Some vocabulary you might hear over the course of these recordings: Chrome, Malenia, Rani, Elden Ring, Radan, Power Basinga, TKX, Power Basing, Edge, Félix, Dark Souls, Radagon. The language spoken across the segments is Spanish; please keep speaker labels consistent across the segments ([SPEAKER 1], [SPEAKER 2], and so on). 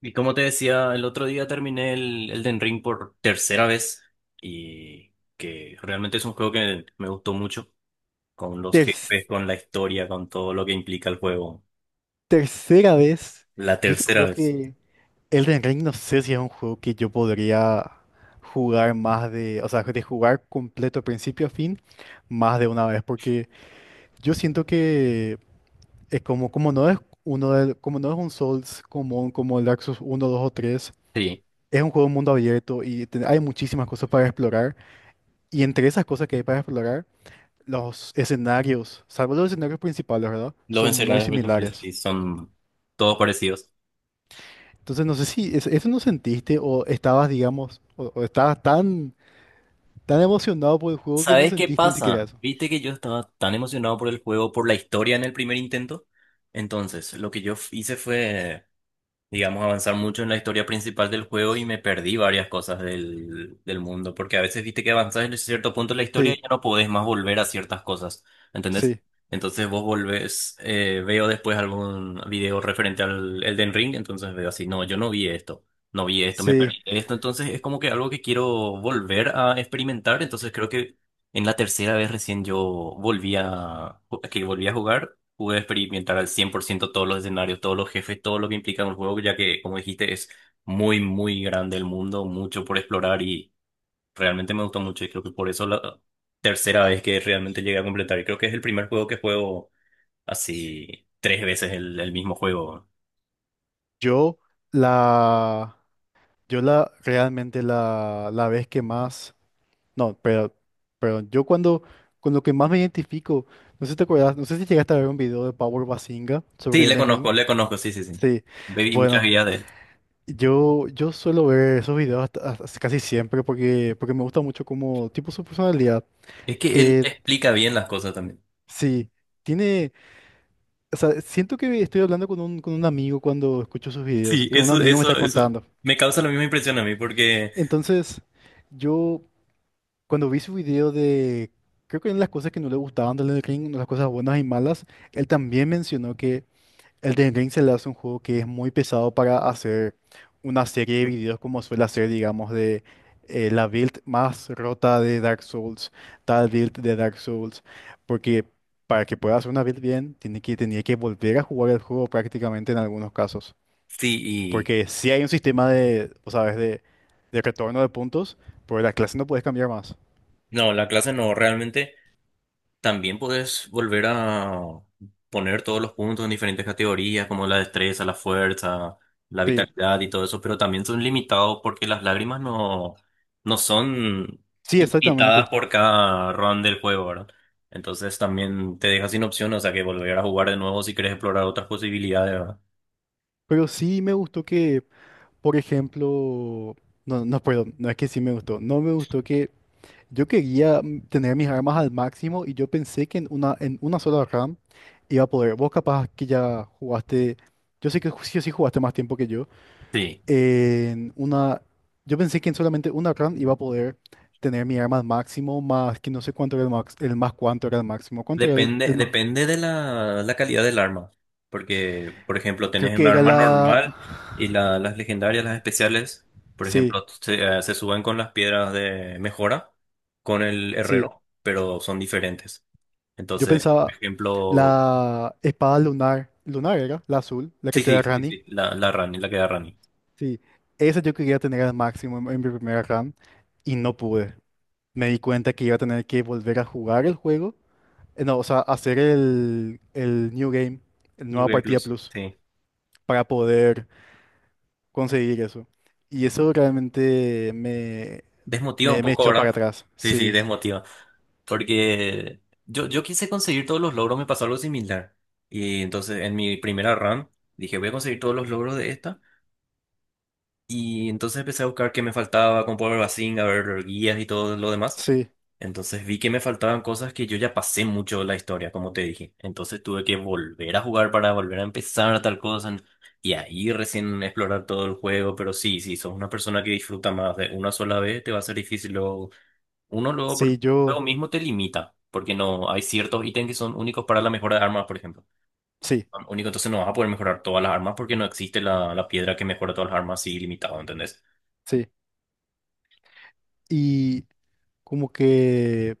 [SPEAKER 1] Y como te decía, el otro día terminé el Elden Ring por tercera vez y que realmente es un juego que me gustó mucho, con los
[SPEAKER 2] ter-
[SPEAKER 1] jefes, con la historia, con todo lo que implica el juego.
[SPEAKER 2] tercera vez,
[SPEAKER 1] La
[SPEAKER 2] yo te
[SPEAKER 1] tercera
[SPEAKER 2] juro
[SPEAKER 1] vez.
[SPEAKER 2] que Elden Ring no sé si es un juego que yo podría jugar más de, o sea, de jugar completo principio a fin más de una vez, porque yo siento que es como no es como no es un Souls común como el Dark Souls 1, 2 o 3.
[SPEAKER 1] Sí,
[SPEAKER 2] Es un juego de mundo abierto hay muchísimas cosas para explorar, y entre esas cosas que hay para explorar, los escenarios, salvo los escenarios principales, ¿verdad?
[SPEAKER 1] los
[SPEAKER 2] Son muy
[SPEAKER 1] escenarios virtuales
[SPEAKER 2] similares.
[SPEAKER 1] sí son todos parecidos.
[SPEAKER 2] Entonces no sé si eso no sentiste o estabas, digamos, o estabas tan emocionado por el juego que no
[SPEAKER 1] ¿Sabes qué
[SPEAKER 2] sentiste ni siquiera
[SPEAKER 1] pasa?
[SPEAKER 2] eso.
[SPEAKER 1] Viste que yo estaba tan emocionado por el juego, por la historia en el primer intento. Entonces, lo que yo hice fue digamos, avanzar mucho en la historia principal del juego y me perdí varias cosas del mundo, porque a veces viste que avanzás en cierto punto de la historia y
[SPEAKER 2] Sí,
[SPEAKER 1] ya no podés más volver a ciertas cosas, ¿entendés?
[SPEAKER 2] sí,
[SPEAKER 1] Entonces vos volvés, veo después algún video referente al Elden Ring, entonces veo así, no, yo no vi esto, no vi esto, me
[SPEAKER 2] sí.
[SPEAKER 1] perdí esto, entonces es como que algo que quiero volver a experimentar, entonces creo que en la tercera vez recién yo volví a, que volví a jugar, pude experimentar al 100% todos los escenarios, todos los jefes, todo lo que implica un juego, ya que, como dijiste, es muy, muy grande el mundo, mucho por explorar y realmente me gustó mucho y creo que por eso la tercera vez que realmente llegué a completar. Y creo que es el primer juego que juego así tres veces el mismo juego.
[SPEAKER 2] Yo la, yo la, realmente la vez que más, no, pero, perdón, yo cuando, con lo que más me identifico, no sé si te acuerdas, no sé si llegaste a ver un video de Power Basinga
[SPEAKER 1] Sí,
[SPEAKER 2] sobre Elden Ring.
[SPEAKER 1] le conozco, sí, sí, sí.
[SPEAKER 2] Sí,
[SPEAKER 1] Baby, muchas
[SPEAKER 2] bueno,
[SPEAKER 1] guías de él.
[SPEAKER 2] yo suelo ver esos videos casi siempre porque me gusta mucho como tipo su personalidad.
[SPEAKER 1] Es que él
[SPEAKER 2] Eh,
[SPEAKER 1] explica bien las cosas también.
[SPEAKER 2] Sí tiene, o sea, siento que estoy hablando con un amigo cuando escucho sus videos,
[SPEAKER 1] Sí,
[SPEAKER 2] que un
[SPEAKER 1] eso,
[SPEAKER 2] amigo me
[SPEAKER 1] eso,
[SPEAKER 2] está
[SPEAKER 1] eso.
[SPEAKER 2] contando.
[SPEAKER 1] Me causa la misma impresión a mí porque
[SPEAKER 2] Entonces, yo cuando vi su video de, creo que en las cosas que no le gustaban de Elden Ring, las cosas buenas y malas, él también mencionó que Elden Ring se le hace un juego que es muy pesado para hacer una serie de videos como suele hacer, digamos, de la build más rota de Dark Souls, tal build de Dark Souls, porque para que pueda hacer una build bien, tiene que, tenía que volver a jugar el juego prácticamente en algunos casos.
[SPEAKER 1] sí. Y
[SPEAKER 2] Porque si hay un sistema de, o sabes, de retorno de puntos, pero la clase no puedes cambiar más.
[SPEAKER 1] no, la clase no, realmente también puedes volver a poner todos los puntos en diferentes categorías, como la destreza, la fuerza, la
[SPEAKER 2] Sí,
[SPEAKER 1] vitalidad y todo eso, pero también son limitados porque las lágrimas no, no son
[SPEAKER 2] sí, exactamente.
[SPEAKER 1] limitadas por cada run del juego, ¿verdad? Entonces también te deja sin opción, o sea que volver a jugar de nuevo si quieres explorar otras posibilidades, ¿verdad?
[SPEAKER 2] Pero sí me gustó que, por ejemplo, no, no, perdón, no es que sí me gustó, no me gustó que yo quería tener mis armas al máximo y yo pensé que en una sola RAM iba a poder. Vos capaz que ya jugaste, yo sé que sí o sí jugaste más tiempo que yo.
[SPEAKER 1] Sí.
[SPEAKER 2] En una, yo pensé que en solamente una RAM iba a poder tener mi arma al máximo, más que no sé cuánto era el max, el más cuánto era el máximo. ¿Cuánto era el
[SPEAKER 1] Depende,
[SPEAKER 2] más?
[SPEAKER 1] depende de la calidad del arma. Porque, por ejemplo,
[SPEAKER 2] Creo
[SPEAKER 1] tenés un
[SPEAKER 2] que era
[SPEAKER 1] arma
[SPEAKER 2] la...
[SPEAKER 1] normal y las legendarias, las especiales, por
[SPEAKER 2] Sí,
[SPEAKER 1] ejemplo, se suben con las piedras de mejora, con el
[SPEAKER 2] sí.
[SPEAKER 1] herrero, pero son diferentes.
[SPEAKER 2] Yo
[SPEAKER 1] Entonces, por
[SPEAKER 2] pensaba
[SPEAKER 1] ejemplo,
[SPEAKER 2] la espada lunar, lunar era, la azul, la que
[SPEAKER 1] sí,
[SPEAKER 2] te da
[SPEAKER 1] sí, sí,
[SPEAKER 2] Rani.
[SPEAKER 1] sí, la Rani, la que da Rani.
[SPEAKER 2] Sí, esa yo quería tener al máximo en mi primera RAM. Y no pude. Me di cuenta que iba a tener que volver a jugar el juego, no, o sea, hacer el New Game, el
[SPEAKER 1] Por
[SPEAKER 2] Nueva
[SPEAKER 1] ejemplo,
[SPEAKER 2] Partida Plus,
[SPEAKER 1] sí.
[SPEAKER 2] para poder conseguir eso. Y eso realmente me,
[SPEAKER 1] Desmotiva un
[SPEAKER 2] me, me
[SPEAKER 1] poco,
[SPEAKER 2] echó para
[SPEAKER 1] ¿verdad?
[SPEAKER 2] atrás.
[SPEAKER 1] Sí, sí,
[SPEAKER 2] Sí,
[SPEAKER 1] desmotiva. Porque yo quise conseguir todos los logros, me pasó algo similar. Y entonces en mi primera run dije, voy a conseguir todos los logros de esta. Y entonces empecé a buscar qué me faltaba, con Power Basing, a ver guías y todo lo demás.
[SPEAKER 2] sí,
[SPEAKER 1] Entonces vi que me faltaban cosas que yo ya pasé mucho la historia, como te dije. Entonces tuve que volver a jugar para volver a empezar a tal cosa. Y ahí recién explorar todo el juego. Pero sí, si sos una persona que disfruta más de una sola vez, te va a ser difícil luego uno luego, porque
[SPEAKER 2] sí,
[SPEAKER 1] el
[SPEAKER 2] yo,
[SPEAKER 1] mismo te limita, porque no hay ciertos ítems que son únicos para la mejora de armas, por ejemplo.
[SPEAKER 2] sí,
[SPEAKER 1] Son único, entonces no vas a poder mejorar todas las armas porque no existe la piedra que mejora todas las armas así limitado, ¿entendés?
[SPEAKER 2] sí. Y como que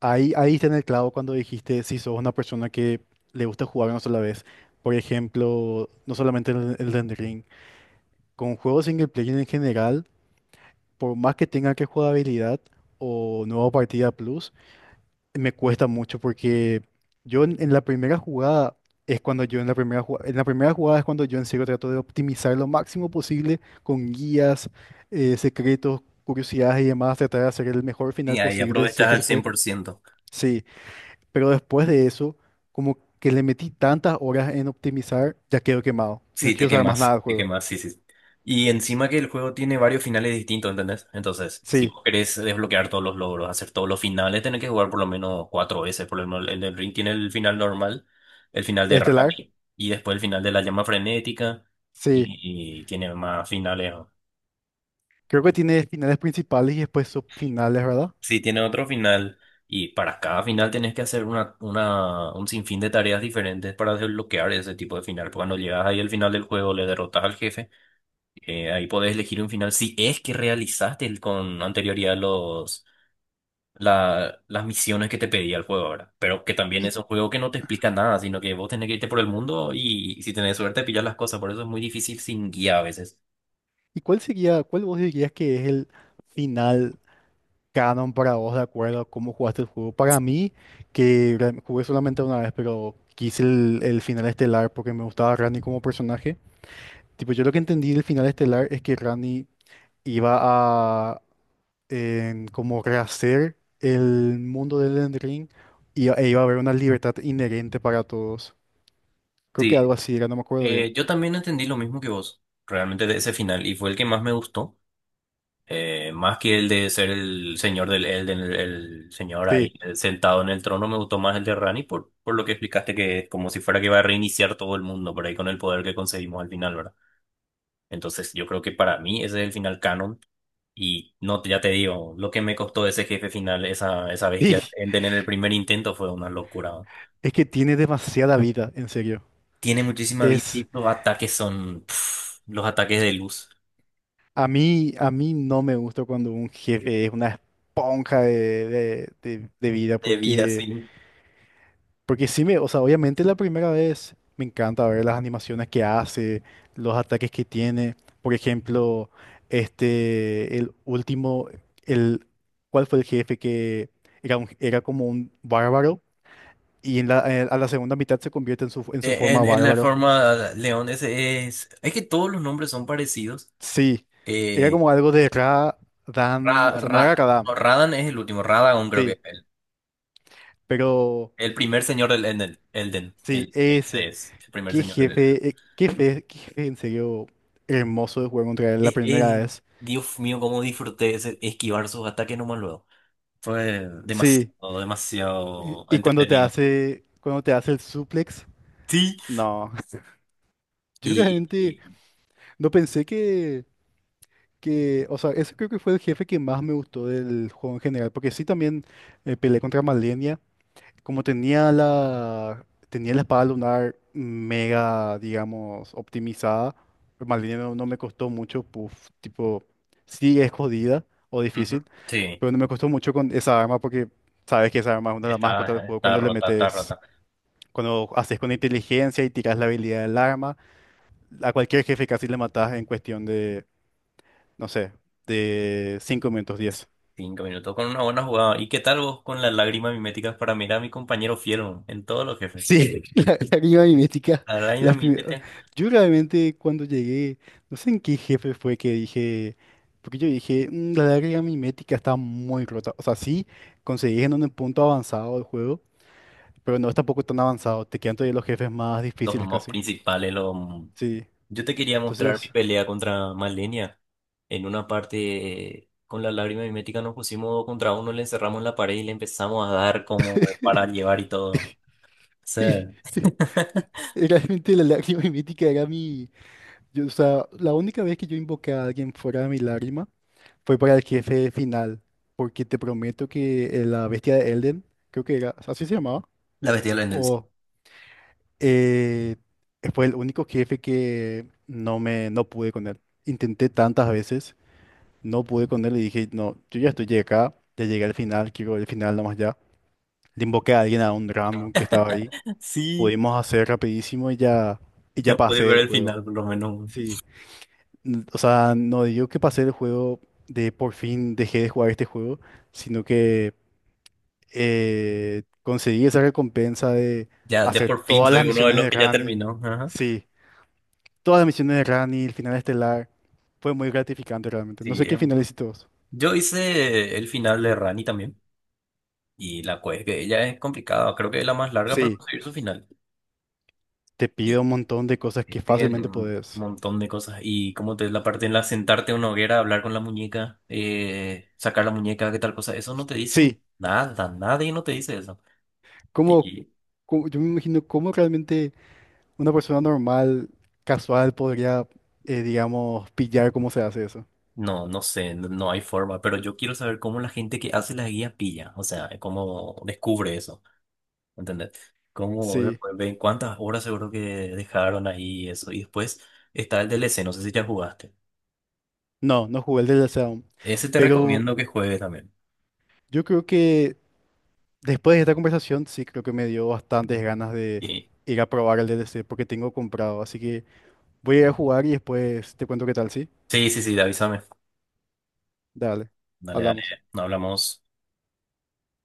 [SPEAKER 2] ahí está en el clavo cuando dijiste si sos una persona que le gusta jugar una sola vez. Por ejemplo, no solamente el Elden Ring, con juegos single player en general por más que tenga que jugabilidad o nueva partida plus, me cuesta mucho porque yo en la primera jugada es cuando yo en la primera jugada, es cuando yo en serio trato de optimizar lo máximo posible con guías, secretos, curiosidades y demás, tratar de hacer el mejor
[SPEAKER 1] Y
[SPEAKER 2] final
[SPEAKER 1] ahí
[SPEAKER 2] posible si
[SPEAKER 1] aprovechas
[SPEAKER 2] es que
[SPEAKER 1] al
[SPEAKER 2] se
[SPEAKER 1] cien
[SPEAKER 2] puede.
[SPEAKER 1] por ciento
[SPEAKER 2] Sí, pero después de eso, como que le metí tantas horas en optimizar, ya quedo quemado. No
[SPEAKER 1] Sí,
[SPEAKER 2] quiero saber más nada del
[SPEAKER 1] te
[SPEAKER 2] juego.
[SPEAKER 1] quemas, sí, sí. Y encima que el juego tiene varios finales distintos, ¿entendés? Entonces, si
[SPEAKER 2] Sí,
[SPEAKER 1] vos querés desbloquear todos los logros, hacer todos los finales, tenés que jugar por lo menos cuatro veces. Por lo menos el del ring tiene el final normal, el final de
[SPEAKER 2] Estelar.
[SPEAKER 1] Rani, y después el final de la llama frenética,
[SPEAKER 2] Sí.
[SPEAKER 1] y tiene más finales, ¿no?
[SPEAKER 2] Creo que tiene finales principales y después subfinales, ¿verdad?
[SPEAKER 1] Sí, tiene otro final, y para cada final tenés que hacer una, un sinfín de tareas diferentes para desbloquear ese tipo de final. Porque cuando llegas ahí al final del juego, le derrotas al jefe. Ahí podés elegir un final si es que realizaste con anterioridad los, las misiones que te pedía el juego ahora. Pero que también
[SPEAKER 2] ¿Y,
[SPEAKER 1] es un juego que no te explica nada, sino que vos tenés que irte por el mundo y, si tenés suerte pillar las cosas. Por eso es muy difícil sin guía a veces.
[SPEAKER 2] y cuál sería, cuál vos dirías que es el final canon para vos, de acuerdo a cómo jugaste el juego? Para mí, que jugué solamente una vez, pero quise el final estelar porque me gustaba Rani como personaje. Tipo, yo lo que entendí del final estelar es que Rani iba a como rehacer el mundo del Elden Ring y, e iba a haber una libertad inherente para todos. Creo que algo
[SPEAKER 1] Sí,
[SPEAKER 2] así era, no me acuerdo bien.
[SPEAKER 1] yo también entendí lo mismo que vos, realmente de ese final, y fue el que más me gustó. Más que el de ser el señor del Elden, el señor ahí
[SPEAKER 2] Sí.
[SPEAKER 1] sentado en el trono, me gustó más el de Rani por lo que explicaste que es como si fuera que va a reiniciar todo el mundo por ahí con el poder que conseguimos al final, ¿verdad? Entonces yo creo que para mí ese es el final canon y no, ya te digo, lo que me costó ese jefe final, esa bestia Elden en el primer intento fue una locura, ¿no?
[SPEAKER 2] Es que tiene demasiada vida, en serio.
[SPEAKER 1] Tiene muchísima vida
[SPEAKER 2] Es,
[SPEAKER 1] y los ataques son pf, los ataques de luz,
[SPEAKER 2] a mí no me gusta cuando un jefe es una esponja de, de vida,
[SPEAKER 1] de vida,
[SPEAKER 2] porque,
[SPEAKER 1] sí.
[SPEAKER 2] porque sí me, o sea, obviamente la primera vez me encanta ver las animaciones que hace, los ataques que tiene. Por ejemplo, este, el último, el, ¿cuál fue el jefe que era, era como un bárbaro? Y en a la segunda mitad se convierte en su,
[SPEAKER 1] Eh, En,
[SPEAKER 2] forma
[SPEAKER 1] en la
[SPEAKER 2] bárbaro.
[SPEAKER 1] forma leones es, es que todos los nombres son parecidos.
[SPEAKER 2] Sí, era
[SPEAKER 1] Eh,
[SPEAKER 2] como algo de Ra, Dan, o sea, no era
[SPEAKER 1] No,
[SPEAKER 2] Radam,
[SPEAKER 1] Radan es el último, Radagon creo que es
[SPEAKER 2] sí, pero
[SPEAKER 1] el primer señor del Elden,
[SPEAKER 2] sí,
[SPEAKER 1] el C
[SPEAKER 2] ese.
[SPEAKER 1] es el primer
[SPEAKER 2] Qué
[SPEAKER 1] señor del Elden.
[SPEAKER 2] jefe, qué jefe en serio hermoso de jugar contra él la
[SPEAKER 1] Eh,
[SPEAKER 2] primera
[SPEAKER 1] eh,
[SPEAKER 2] vez.
[SPEAKER 1] Dios mío, cómo disfruté ese esquivar sus ataques nomás luego. Fue
[SPEAKER 2] Sí,
[SPEAKER 1] demasiado,
[SPEAKER 2] y
[SPEAKER 1] demasiado
[SPEAKER 2] y
[SPEAKER 1] entretenido.
[SPEAKER 2] cuando te hace el suplex,
[SPEAKER 1] Sí.
[SPEAKER 2] no. Yo
[SPEAKER 1] Y,
[SPEAKER 2] realmente
[SPEAKER 1] y-
[SPEAKER 2] no pensé que, o sea, ese creo que fue el jefe que más me gustó del juego en general, porque sí también peleé contra Malenia. Como tenía la espada lunar mega, digamos, optimizada, Malenia no, no me costó mucho, puf, tipo, sí es jodida o
[SPEAKER 1] Ujú,
[SPEAKER 2] difícil,
[SPEAKER 1] sí,
[SPEAKER 2] pero no me costó mucho con esa arma porque sabes que esa arma es una de las más cortas del
[SPEAKER 1] está,
[SPEAKER 2] juego
[SPEAKER 1] está
[SPEAKER 2] cuando le
[SPEAKER 1] rota, está
[SPEAKER 2] metes,
[SPEAKER 1] rota.
[SPEAKER 2] cuando haces con inteligencia y tiras la habilidad del arma, a cualquier jefe casi le matas en cuestión de, no sé, de 5 minutos 10.
[SPEAKER 1] Cinco minutos con una buena jugada. ¿Y qué tal vos con las lágrimas miméticas para mirar a mi compañero fiel en todos los jefes?
[SPEAKER 2] Sí, la clima mimética.
[SPEAKER 1] A la lágrima
[SPEAKER 2] la pri-
[SPEAKER 1] mimética,
[SPEAKER 2] yo realmente cuando llegué, no sé en qué jefe fue que dije, porque yo dije, "Mm, la lágrima mimética está muy rota. O sea, sí, conseguís en un punto avanzado del juego, pero no es tampoco tan avanzado. Te quedan todavía los jefes más
[SPEAKER 1] los
[SPEAKER 2] difíciles
[SPEAKER 1] mobs
[SPEAKER 2] casi.
[SPEAKER 1] principales, los...
[SPEAKER 2] Sí,
[SPEAKER 1] Yo te quería mostrar mi
[SPEAKER 2] entonces,
[SPEAKER 1] pelea contra Malenia. En una parte, con la lágrima mimética nos pusimos dos contra uno, le encerramos en la pared y le empezamos a dar como para llevar y todo. Sí.
[SPEAKER 2] sí, sí, sí, realmente la lágrima mimética era mi... yo, o sea, la única vez que yo invoqué a alguien fuera de mi lágrima fue para el jefe final, porque te prometo que la bestia de Elden, creo que era, así se llamaba,
[SPEAKER 1] La bestia de la sí.
[SPEAKER 2] o eh, fue el único jefe que no pude con él. Intenté tantas veces, no pude con él y dije, no, yo ya estoy acá, ya llegué al final, quiero el final nomás ya. Le invoqué a alguien a un random que estaba ahí,
[SPEAKER 1] Sí,
[SPEAKER 2] pudimos hacer rapidísimo y ya
[SPEAKER 1] ya pude
[SPEAKER 2] pasé
[SPEAKER 1] ver
[SPEAKER 2] el
[SPEAKER 1] el
[SPEAKER 2] juego.
[SPEAKER 1] final por lo menos.
[SPEAKER 2] Sí, o sea, no digo que pasé el juego de por fin dejé de jugar este juego, sino que conseguí esa recompensa de
[SPEAKER 1] Ya, ya
[SPEAKER 2] hacer
[SPEAKER 1] por fin
[SPEAKER 2] todas
[SPEAKER 1] soy
[SPEAKER 2] las
[SPEAKER 1] uno de
[SPEAKER 2] misiones
[SPEAKER 1] los
[SPEAKER 2] de
[SPEAKER 1] que ya
[SPEAKER 2] Rani.
[SPEAKER 1] terminó. Ajá.
[SPEAKER 2] Sí, todas las misiones de Rani, el final estelar. Fue muy gratificante realmente. No
[SPEAKER 1] Sí,
[SPEAKER 2] sé qué
[SPEAKER 1] es
[SPEAKER 2] final hiciste vos.
[SPEAKER 1] yo hice el final de Rani también. Y la quest que ella es complicada. Creo que es la más larga para
[SPEAKER 2] Sí,
[SPEAKER 1] conseguir su final.
[SPEAKER 2] te pido un montón de cosas
[SPEAKER 1] Y
[SPEAKER 2] que
[SPEAKER 1] tienen
[SPEAKER 2] fácilmente
[SPEAKER 1] un
[SPEAKER 2] podés.
[SPEAKER 1] montón de cosas. Y como te la parte en la sentarte en una hoguera, hablar con la muñeca, sacar la muñeca, qué tal cosa. Eso no te dicen
[SPEAKER 2] Sí,
[SPEAKER 1] nada. Nadie no te dice eso.
[SPEAKER 2] como,
[SPEAKER 1] Y
[SPEAKER 2] yo me imagino cómo realmente una persona normal, casual, podría, digamos, pillar cómo se hace eso.
[SPEAKER 1] no, no sé, no, no hay forma. Pero yo quiero saber cómo la gente que hace la guía pilla. O sea, cómo descubre eso. ¿Entendés? ¿Cómo
[SPEAKER 2] Sí,
[SPEAKER 1] después ven cuántas horas seguro que dejaron ahí y eso? Y después está el DLC. No sé si ya jugaste.
[SPEAKER 2] no, no jugué el DLC aún.
[SPEAKER 1] Ese te
[SPEAKER 2] Pero
[SPEAKER 1] recomiendo que juegues también.
[SPEAKER 2] yo creo que después de esta conversación, sí creo que me dio bastantes ganas de
[SPEAKER 1] Y...
[SPEAKER 2] ir a probar el DLC porque tengo comprado. Así que voy a ir a jugar y después te cuento qué tal, ¿sí?
[SPEAKER 1] sí, sí, sí, avísame.
[SPEAKER 2] Dale,
[SPEAKER 1] Dale, dale.
[SPEAKER 2] hablamos.
[SPEAKER 1] Nos hablamos.